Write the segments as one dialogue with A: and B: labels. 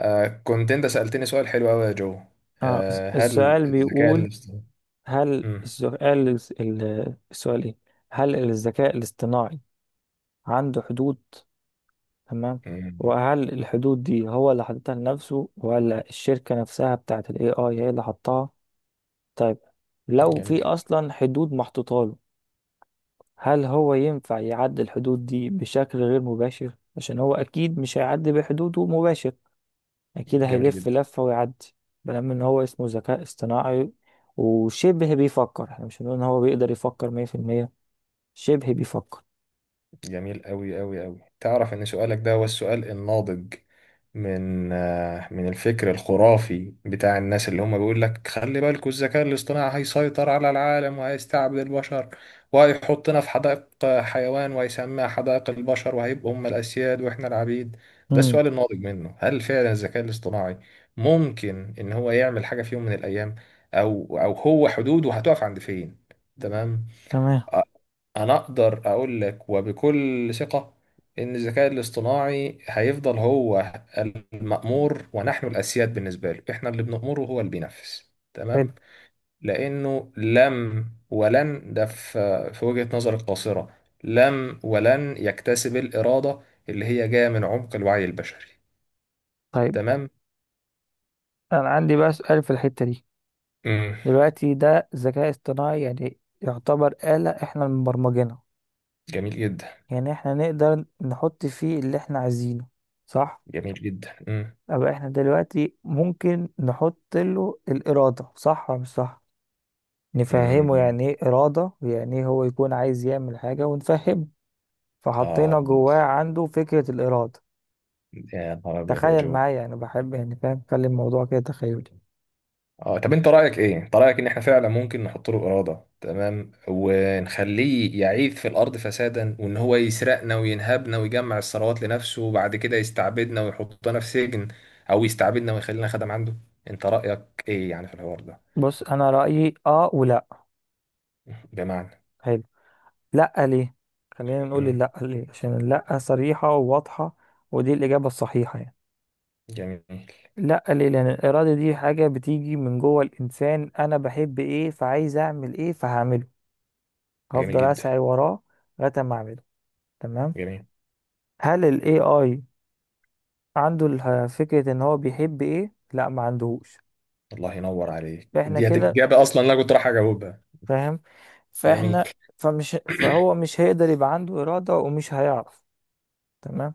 A: آه كنت انت سألتني سؤال حلو قوي يا جو.
B: آه،
A: آه، هل
B: السؤال
A: الذكاء
B: بيقول.
A: الاصطناعي؟
B: هل
A: مم،
B: السؤال ايه؟ هل الذكاء الاصطناعي عنده حدود؟ تمام.
A: مم،
B: وهل الحدود دي هو اللي حاططها لنفسه ولا الشركة نفسها بتاعت ال AI هي اللي حطها؟ طيب، لو
A: جميل
B: في
A: جدا.
B: أصلا حدود محطوطة له، هل هو ينفع يعدي الحدود دي بشكل غير مباشر؟ عشان هو أكيد مش هيعدي بحدوده مباشر، أكيد
A: جميل
B: هيلف
A: جدا.
B: لفة ويعدي. بلام إن هو اسمه ذكاء اصطناعي وشبه بيفكر، احنا مش هنقول إن هو بيقدر يفكر 100%، شبه بيفكر.
A: جميل أوي أوي أوي. تعرف إن سؤالك ده هو السؤال الناضج من من الفكر الخرافي بتاع الناس اللي هم بيقول لك خلي بالكوا الذكاء الاصطناعي هيسيطر على العالم وهيستعبد البشر، وهيحطنا في حدائق حيوان، وهيسميها حدائق البشر، وهيبقوا هم الأسياد وإحنا العبيد. ده
B: امم
A: السؤال الناضج منه، هل فعلا الذكاء الاصطناعي ممكن إن هو يعمل حاجة في يوم من الأيام؟ أو هو حدوده هتقف عند فين؟ تمام.
B: تمام.
A: انا اقدر اقول لك وبكل ثقة ان الذكاء الاصطناعي هيفضل هو المأمور ونحن الاسياد. بالنسبة له احنا اللي بنأمره، هو اللي بينفذ.
B: حلو.
A: تمام. لانه لم ولن، ده في في وجهة نظر القاصرة، لم ولن يكتسب الإرادة اللي هي جاية من عمق الوعي البشري.
B: طيب،
A: تمام.
B: أنا عندي بقى سؤال في الحتة دي.
A: مم.
B: دلوقتي ده ذكاء اصطناعي، يعني يعتبر آلة احنا اللي مبرمجينها،
A: جميل جدا.
B: يعني احنا نقدر نحط فيه اللي احنا عايزينه، صح؟
A: جميل جدا. مم.
B: أبقى احنا دلوقتي ممكن نحط له الإرادة، صح ولا مش صح؟ نفهمه
A: مم.
B: يعني ايه إرادة، ويعني ايه هو يكون عايز يعمل حاجة، ونفهمه،
A: آه،
B: فحطينا جواه عنده فكرة الإرادة.
A: يا نهار أبيض يا
B: تخيل
A: جو.
B: معايا، أنا بحب يعني، فاهم، خلي الموضوع كده تخيلي.
A: اه، طب انت رايك ايه؟ انت رايك ان احنا فعلا ممكن نحط له اراده، تمام، ونخليه يعيث في الارض فسادا، وان هو يسرقنا وينهبنا ويجمع الثروات لنفسه وبعد كده يستعبدنا ويحطنا في سجن او يستعبدنا ويخلينا خدم عنده؟ انت رايك ايه يعني في الحوار ده؟
B: بص أنا رأيي، آه ولا؟
A: بمعنى،
B: حلو. لأ، ليه؟ خلينا نقول
A: مم.
B: لأ ليه، عشان لأ صريحة وواضحة، ودي الإجابة الصحيحة يعني.
A: جميل.
B: لأ ليه؟ لأن الإرادة دي حاجة بتيجي من جوه الإنسان، أنا بحب إيه، فعايز أعمل إيه، فهعمله.
A: جميل
B: هفضل
A: جدا.
B: أسعى وراه لغاية ما أعمله. تمام.
A: جميل،
B: هل ال AI عنده فكرة ان هو بيحب ايه؟ لا، ما عندهوش.
A: الله ينور عليك،
B: فاحنا
A: دي
B: كده،
A: الاجابه اصلا اللي انا كنت رايح اجاوبها.
B: فاهم،
A: جميل.
B: فاحنا، فمش فهو مش هيقدر يبقى عنده إرادة ومش هيعرف. تمام.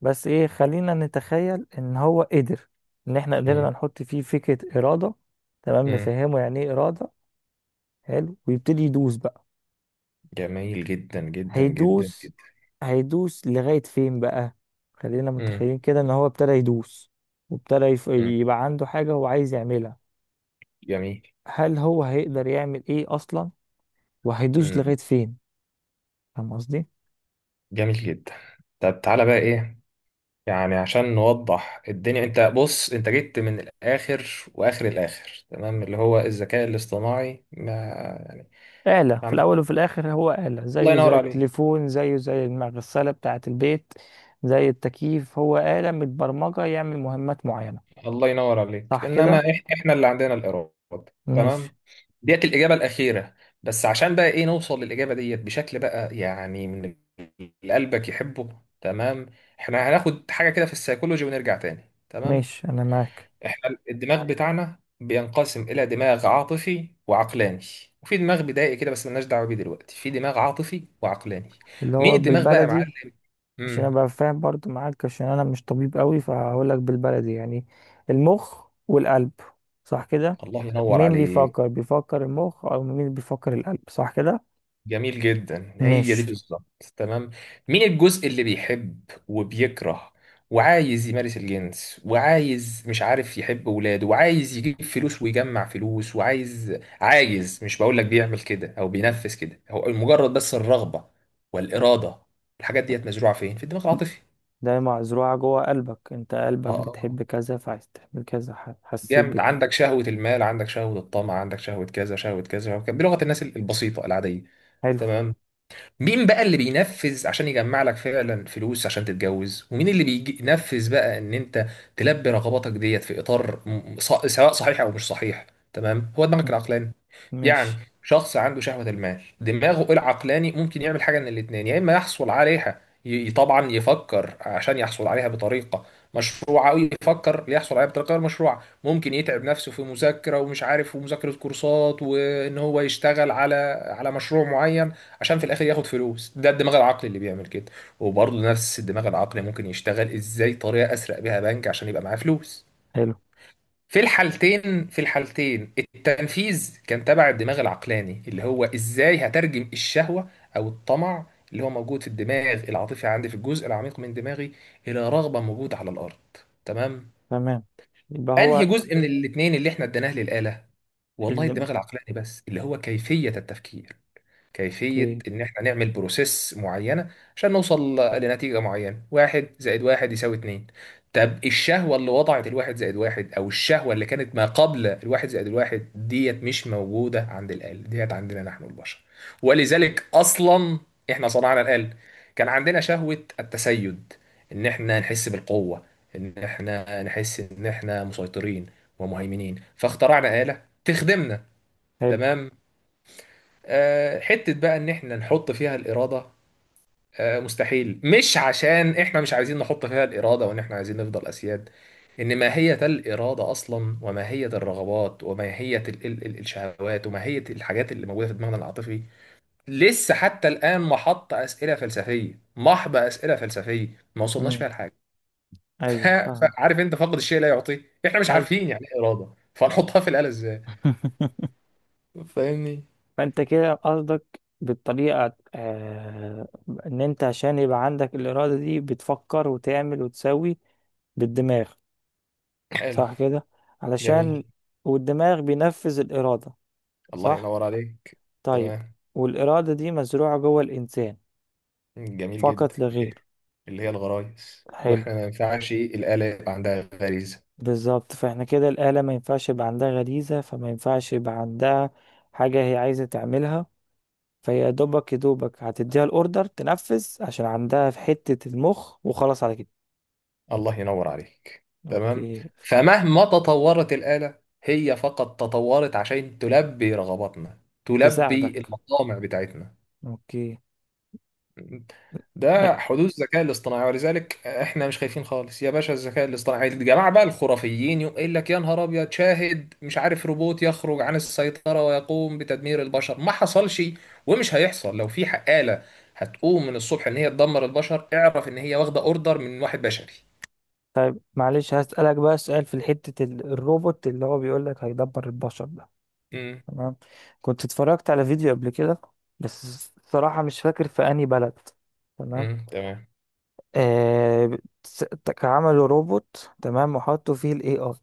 B: بس ايه، خلينا نتخيل ان هو قدر، ان احنا
A: مم.
B: قدرنا نحط فيه فكرة إرادة. تمام،
A: مم.
B: نفهمه يعني ايه إرادة. حلو، ويبتدي يدوس بقى.
A: جميل جدا جدا جدا
B: هيدوس.
A: جدا.
B: هيدوس لغاية فين بقى؟ خلينا
A: مم.
B: متخيلين كده ان هو ابتدى يدوس، وابتدى
A: مم.
B: يبقى عنده حاجة هو عايز يعملها.
A: جميل.
B: هل هو هيقدر يعمل ايه اصلا، وهيدوس
A: مم.
B: لغايه فين؟ فاهم قصدي.
A: جميل جدا. طب تعالى بقى ايه، يعني عشان نوضح الدنيا، انت بص، انت جيت من الاخر، واخر الاخر تمام اللي هو الذكاء الاصطناعي ما يعني
B: آلة في
A: ما-
B: الأول وفي الآخر هو آلة،
A: الله
B: زيه
A: ينور
B: زي
A: عليك.
B: التليفون، زيه زي المغسلة بتاعة البيت، زي التكييف. هو آلة متبرمجة يعمل مهمات معينة،
A: الله ينور عليك،
B: صح كده؟
A: انما احنا اللي عندنا الاراده.
B: ماشي.
A: تمام، ديت الاجابه الاخيره، بس عشان بقى ايه نوصل للاجابه ديت بشكل بقى يعني من اللي قلبك يحبه. تمام، احنا هناخد حاجه كده في السيكولوجي ونرجع تاني. تمام.
B: ماشي. أنا معاك.
A: احنا الدماغ بتاعنا بينقسم الى دماغ عاطفي وعقلاني، وفي دماغ بدائي كده بس ملناش دعوه بيه دلوقتي. في دماغ عاطفي وعقلاني.
B: اللي
A: مين
B: هو
A: الدماغ بقى يا
B: بالبلدي،
A: معلم؟
B: عشان
A: امم
B: أبقى فاهم برضو معاك، عشان أنا مش طبيب قوي، فهقول لك بالبلدي يعني، المخ والقلب، صح كده؟
A: الله ينور
B: مين
A: عليك.
B: بيفكر؟ بيفكر المخ أو مين بيفكر القلب، صح كده؟
A: جميل جدا، هي دي
B: ماشي.
A: بالظبط. تمام. مين الجزء اللي بيحب وبيكره وعايز يمارس الجنس وعايز مش عارف يحب ولاده وعايز يجيب فلوس ويجمع فلوس وعايز، عايز، مش بقول لك بيعمل كده او بينفذ كده، هو مجرد بس الرغبة والإرادة. الحاجات ديت مزروعة فين؟ في الدماغ العاطفي.
B: ده مزروعة جوه قلبك، انت
A: اه،
B: قلبك
A: آه. آه.
B: بتحب كذا فعايز تعمل كذا، حسيت
A: جامد.
B: بكذا.
A: عندك شهوة المال، عندك شهوة الطمع، عندك شهوة كذا، شهوة كذا، شهوة كذا، بلغة الناس البسيطة العادية.
B: حلو.
A: تمام. مين بقى اللي بينفذ عشان يجمع لك فعلا فلوس عشان تتجوز، ومين اللي بينفذ بقى ان انت تلبي رغباتك ديت في اطار سواء صحيح او مش صحيح؟ تمام، هو
B: م.
A: دماغك العقلاني. يعني
B: ماشي.
A: شخص عنده شهوة المال، دماغه العقلاني ممكن يعمل حاجة من الاتنين، يا إما يحصل عليها، طبعا يفكر عشان يحصل عليها بطريقة مشروعة، أو يفكر ليحصل عليها بطريقة غير مشروعة. ممكن يتعب نفسه في مذاكرة ومش عارف ومذاكرة كورسات وإن هو يشتغل على مشروع معين عشان في الآخر ياخد فلوس. ده الدماغ العقلي اللي بيعمل كده. وبرضه نفس الدماغ العقلي ممكن يشتغل إزاي طريقة أسرق بيها بنك عشان يبقى معاه فلوس.
B: حلو.
A: في الحالتين، في الحالتين التنفيذ كان تبع الدماغ العقلاني، اللي هو ازاي هترجم الشهوة او الطمع اللي هو موجود في الدماغ العاطفي عندي في الجزء العميق من دماغي الى رغبة موجودة على الارض. تمام.
B: تمام. يبقى هو
A: انهي جزء من الاتنين اللي احنا اديناه للآلة؟ والله،
B: اللي م-
A: الدماغ العقلاني بس، اللي هو كيفية التفكير، كيفية
B: اوكي.
A: إن إحنا نعمل بروسيس معينة عشان نوصل لنتيجة معينة. واحد زائد واحد يساوي اتنين. طب الشهوة اللي وضعت الواحد زائد واحد، أو الشهوة اللي كانت ما قبل الواحد زائد الواحد ديت، مش موجودة عند الآلة ديت، عندنا نحن البشر. ولذلك أصلا إحنا صنعنا الآلة. كان عندنا شهوة التسيد، إن إحنا نحس بالقوة، إن إحنا نحس إن إحنا مسيطرين ومهيمنين، فاخترعنا آلة تخدمنا.
B: حلو.
A: تمام. آه، حتة بقى إن إحنا نحط فيها الإرادة، آه، مستحيل. مش عشان إحنا مش عايزين نحط فيها الإرادة وإن إحنا عايزين نفضل أسياد، إن ماهية الإرادة أصلا وماهية الرغبات وماهية الشهوات وماهية الحاجات اللي موجودة في دماغنا العاطفي لسه حتى الآن محط أسئلة فلسفية، محض أسئلة فلسفية، ما وصلناش
B: امم
A: فيها لحاجة. ف-
B: ايوه، فاهمة.
A: فعارف أنت، فاقد الشيء لا يعطيه. إحنا مش
B: ايوه.
A: عارفين يعني إيه إرادة، فنحطها في الآلة إزاي؟ فاهمني.
B: فانت كده قصدك بالطريقة، آه، ان انت عشان يبقى عندك الارادة دي بتفكر وتعمل وتسوي بالدماغ،
A: حلو.
B: صح كده؟ علشان،
A: جميل.
B: والدماغ بينفذ الارادة.
A: الله
B: صح.
A: ينور عليك.
B: طيب،
A: تمام.
B: والإرادة دي مزروعة جوه الإنسان
A: جميل جدا،
B: فقط لا غير.
A: اللي هي الغرايز،
B: حلو.
A: واحنا ما ينفعش الآلة يبقى عندها غريزة.
B: بالظبط. فاحنا كده الآلة ما ينفعش يبقى عندها غريزة، فما ينفعش يبقى عندها حاجة هي عايزة تعملها. فهي يا دوبك يا دوبك هتديها الأوردر تنفذ، عشان عندها في حتة المخ، وخلاص على كده.
A: الله ينور عليك. تمام.
B: أوكي.
A: فمهما تطورت الآلة، هي فقط تطورت عشان تلبي رغباتنا، تلبي
B: تساعدك.
A: المطامع بتاعتنا.
B: أوكي. لا،
A: ده حدوث الذكاء الاصطناعي. ولذلك احنا مش خايفين خالص يا باشا الذكاء الاصطناعي. الجماعه بقى الخرافيين يقول لك يا نهار ابيض، شاهد مش عارف روبوت يخرج عن السيطره ويقوم بتدمير البشر. ما حصلش ومش هيحصل. لو في آلة هتقوم من الصبح ان هي تدمر البشر، اعرف ان هي واخده اوردر من واحد بشري.
B: معلش، هسألك بقى سؤال في حتة الروبوت اللي هو بيقولك هيدبر البشر.
A: امم.
B: تمام. كنت اتفرجت على فيديو قبل كده، بس الصراحة مش فاكر في أنهي بلد. تمام.
A: امم، تمام.
B: آه عملوا روبوت، تمام، وحطوا فيه الاي اي.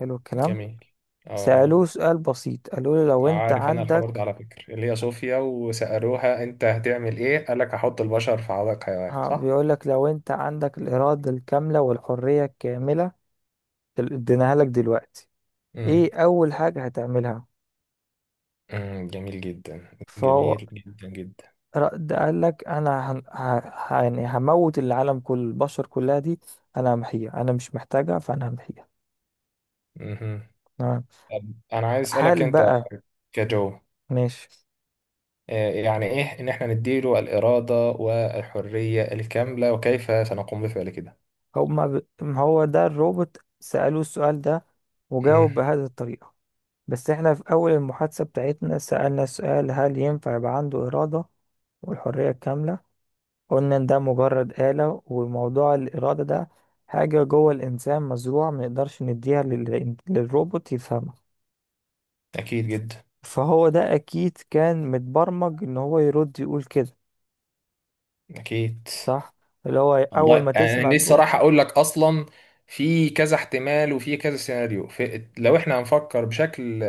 B: حلو الكلام.
A: جميل. اه. اه،
B: سألوه سؤال بسيط، قالوا له لو انت
A: عارف، انا الحوار ده
B: عندك،
A: على فكره اللي هي صوفيا، وسألوها انت هتعمل ايه، قال لك هحط البشر في حدائق حيوان.
B: ها، بيقول لك لو انت عندك الإرادة الكاملة والحرية الكاملة، اديناها لك دلوقتي،
A: صح.
B: ايه أول حاجة هتعملها؟
A: مم، جميل جدا. جميل جدا جدا.
B: ده قال لك انا هن... ه... ه- يعني هموت العالم، كل البشر كلها دي انا همحيها، انا مش محتاجها، فانا همحيها.
A: مهم.
B: تمام.
A: طب انا عايز اسالك
B: هل
A: انت
B: بقى؟
A: كجو،
B: ماشي.
A: آه، يعني ايه ان احنا نديله الاراده والحريه الكامله، وكيف سنقوم بفعل كده؟
B: ما هو ده الروبوت سألوه السؤال ده
A: مم،
B: وجاوب بهذه الطريقة. بس احنا في اول المحادثة بتاعتنا سألنا سؤال، هل ينفع يبقى عنده إرادة والحرية الكاملة؟ قلنا ان ده مجرد آلة، وموضوع الإرادة ده حاجة جوه الإنسان مزروعة، ما نقدرش نديها للروبوت يفهمها.
A: اكيد جدا.
B: فهو ده اكيد كان متبرمج ان هو يرد يقول كده،
A: اكيد.
B: صح؟ اللي هو
A: الله،
B: اول ما
A: يعني
B: تسمع
A: أنا لسه
B: الجمله،
A: راح اقول لك اصلا. في كذا احتمال وفي كذا سيناريو. في، لو احنا هنفكر بشكل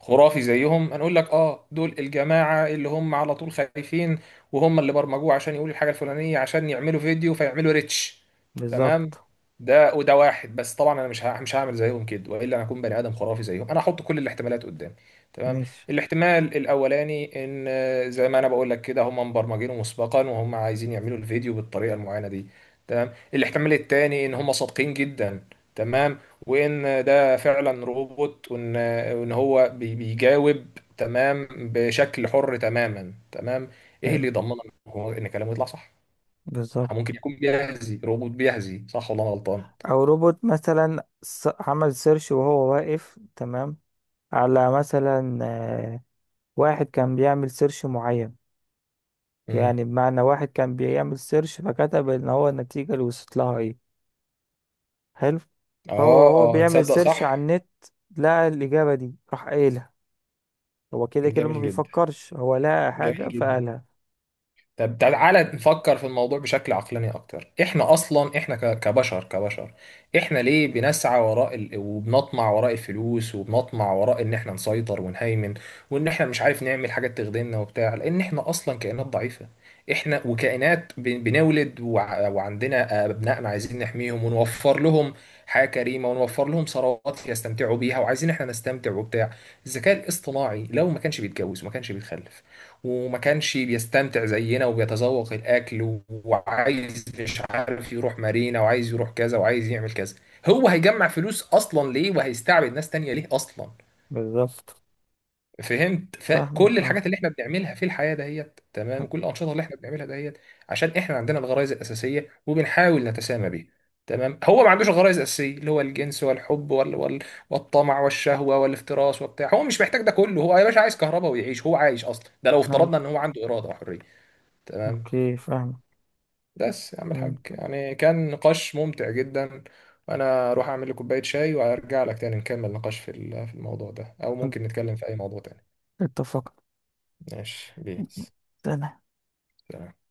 A: خرافي زيهم، هنقول لك اه، دول الجماعه اللي هم على طول خايفين وهم اللي برمجوه عشان يقولوا الحاجه الفلانيه عشان يعملوا فيديو فيعملوا ريتش. تمام،
B: بالظبط.
A: ده وده واحد. بس طبعا انا مش هعمل زيهم كده، والا انا اكون بني ادم خرافي زيهم. انا هحط كل الاحتمالات قدامي. تمام.
B: ماشي.
A: الاحتمال الاولاني ان آه، زي ما انا بقول لك كده، هم مبرمجينه مسبقا وهم عايزين يعملوا الفيديو بالطريقه المعينه دي. تمام. الاحتمال الثاني ان هم صادقين جدا، تمام، وان ده فعلا روبوت، وان هو بيجاوب تمام بشكل حر تماما. تمام. ايه
B: حلو.
A: اللي يضمن هو ان كلامه يطلع صح؟ ممكن
B: بالظبط.
A: يكون بيهزي. روبوت بيهزي، صح ولا انا غلطان؟
B: او روبوت مثلا عمل سيرش وهو واقف، تمام، على مثلا، واحد كان بيعمل سيرش معين،
A: امم.
B: يعني بمعنى واحد كان بيعمل سيرش، فكتب ان هو النتيجة اللي وصلت لها ايه. حلو. فهو
A: اه،
B: بيعمل
A: تصدق
B: سيرش
A: صح.
B: على النت، لقى الإجابة دي راح قايلها. هو كده كده ما
A: جميل جدا.
B: بيفكرش، هو لقى
A: جميل
B: حاجة
A: جدا.
B: فقالها.
A: طب تعالى نفكر في الموضوع بشكل عقلاني اكتر. احنا اصلا، احنا كبشر، كبشر، احنا ليه بنسعى وراء ال... وبنطمع وراء الفلوس، وبنطمع وراء ان احنا نسيطر ونهيمن، وان احنا مش عارف نعمل حاجات تخدمنا وبتاع؟ لان احنا اصلا كائنات ضعيفة، احنا، وكائنات ب... بنولد، وع... وعندنا ابنائنا عايزين نحميهم ونوفر لهم حياة كريمة، ونوفر لهم ثروات يستمتعوا بيها، وعايزين احنا نستمتع وبتاع. الذكاء الاصطناعي لو ما كانش بيتجوز، وما كانش بيتخلف، وما كانش بيستمتع زينا وبيتذوق الأكل، وعايز مش عارف يروح مارينا، وعايز يروح كذا، وعايز يعمل كذا، هو هيجمع فلوس أصلا ليه، وهيستعبد ناس تانية ليه أصلا؟
B: بالظبط.
A: فهمت؟ فكل
B: فاهمك. اه.
A: الحاجات اللي احنا بنعملها في الحياة دهيت، تمام، كل الأنشطة اللي احنا بنعملها دهيت، عشان احنا عندنا الغرائز الأساسية وبنحاول نتسامى بيها. تمام. هو ما عندوش الغرائز الأساسية اللي هو الجنس والحب وال... وال... والطمع والشهوة والافتراس وبتاع. هو مش محتاج ده كله. هو يا باشا عايز كهرباء ويعيش، هو عايش أصلا. ده لو افترضنا
B: ايوه.
A: إن هو عنده إرادة وحرية. تمام.
B: اوكي، فاهمك.
A: بس يا عم الحاج،
B: فهمت.
A: يعني كان نقاش ممتع جدا. وانا اروح اعمل لي كوبايه شاي وارجع لك تاني نكمل نقاش في في الموضوع ده، او ممكن نتكلم في اي موضوع تاني. ماشي، بيس.
B: اتفقنا.
A: سلام.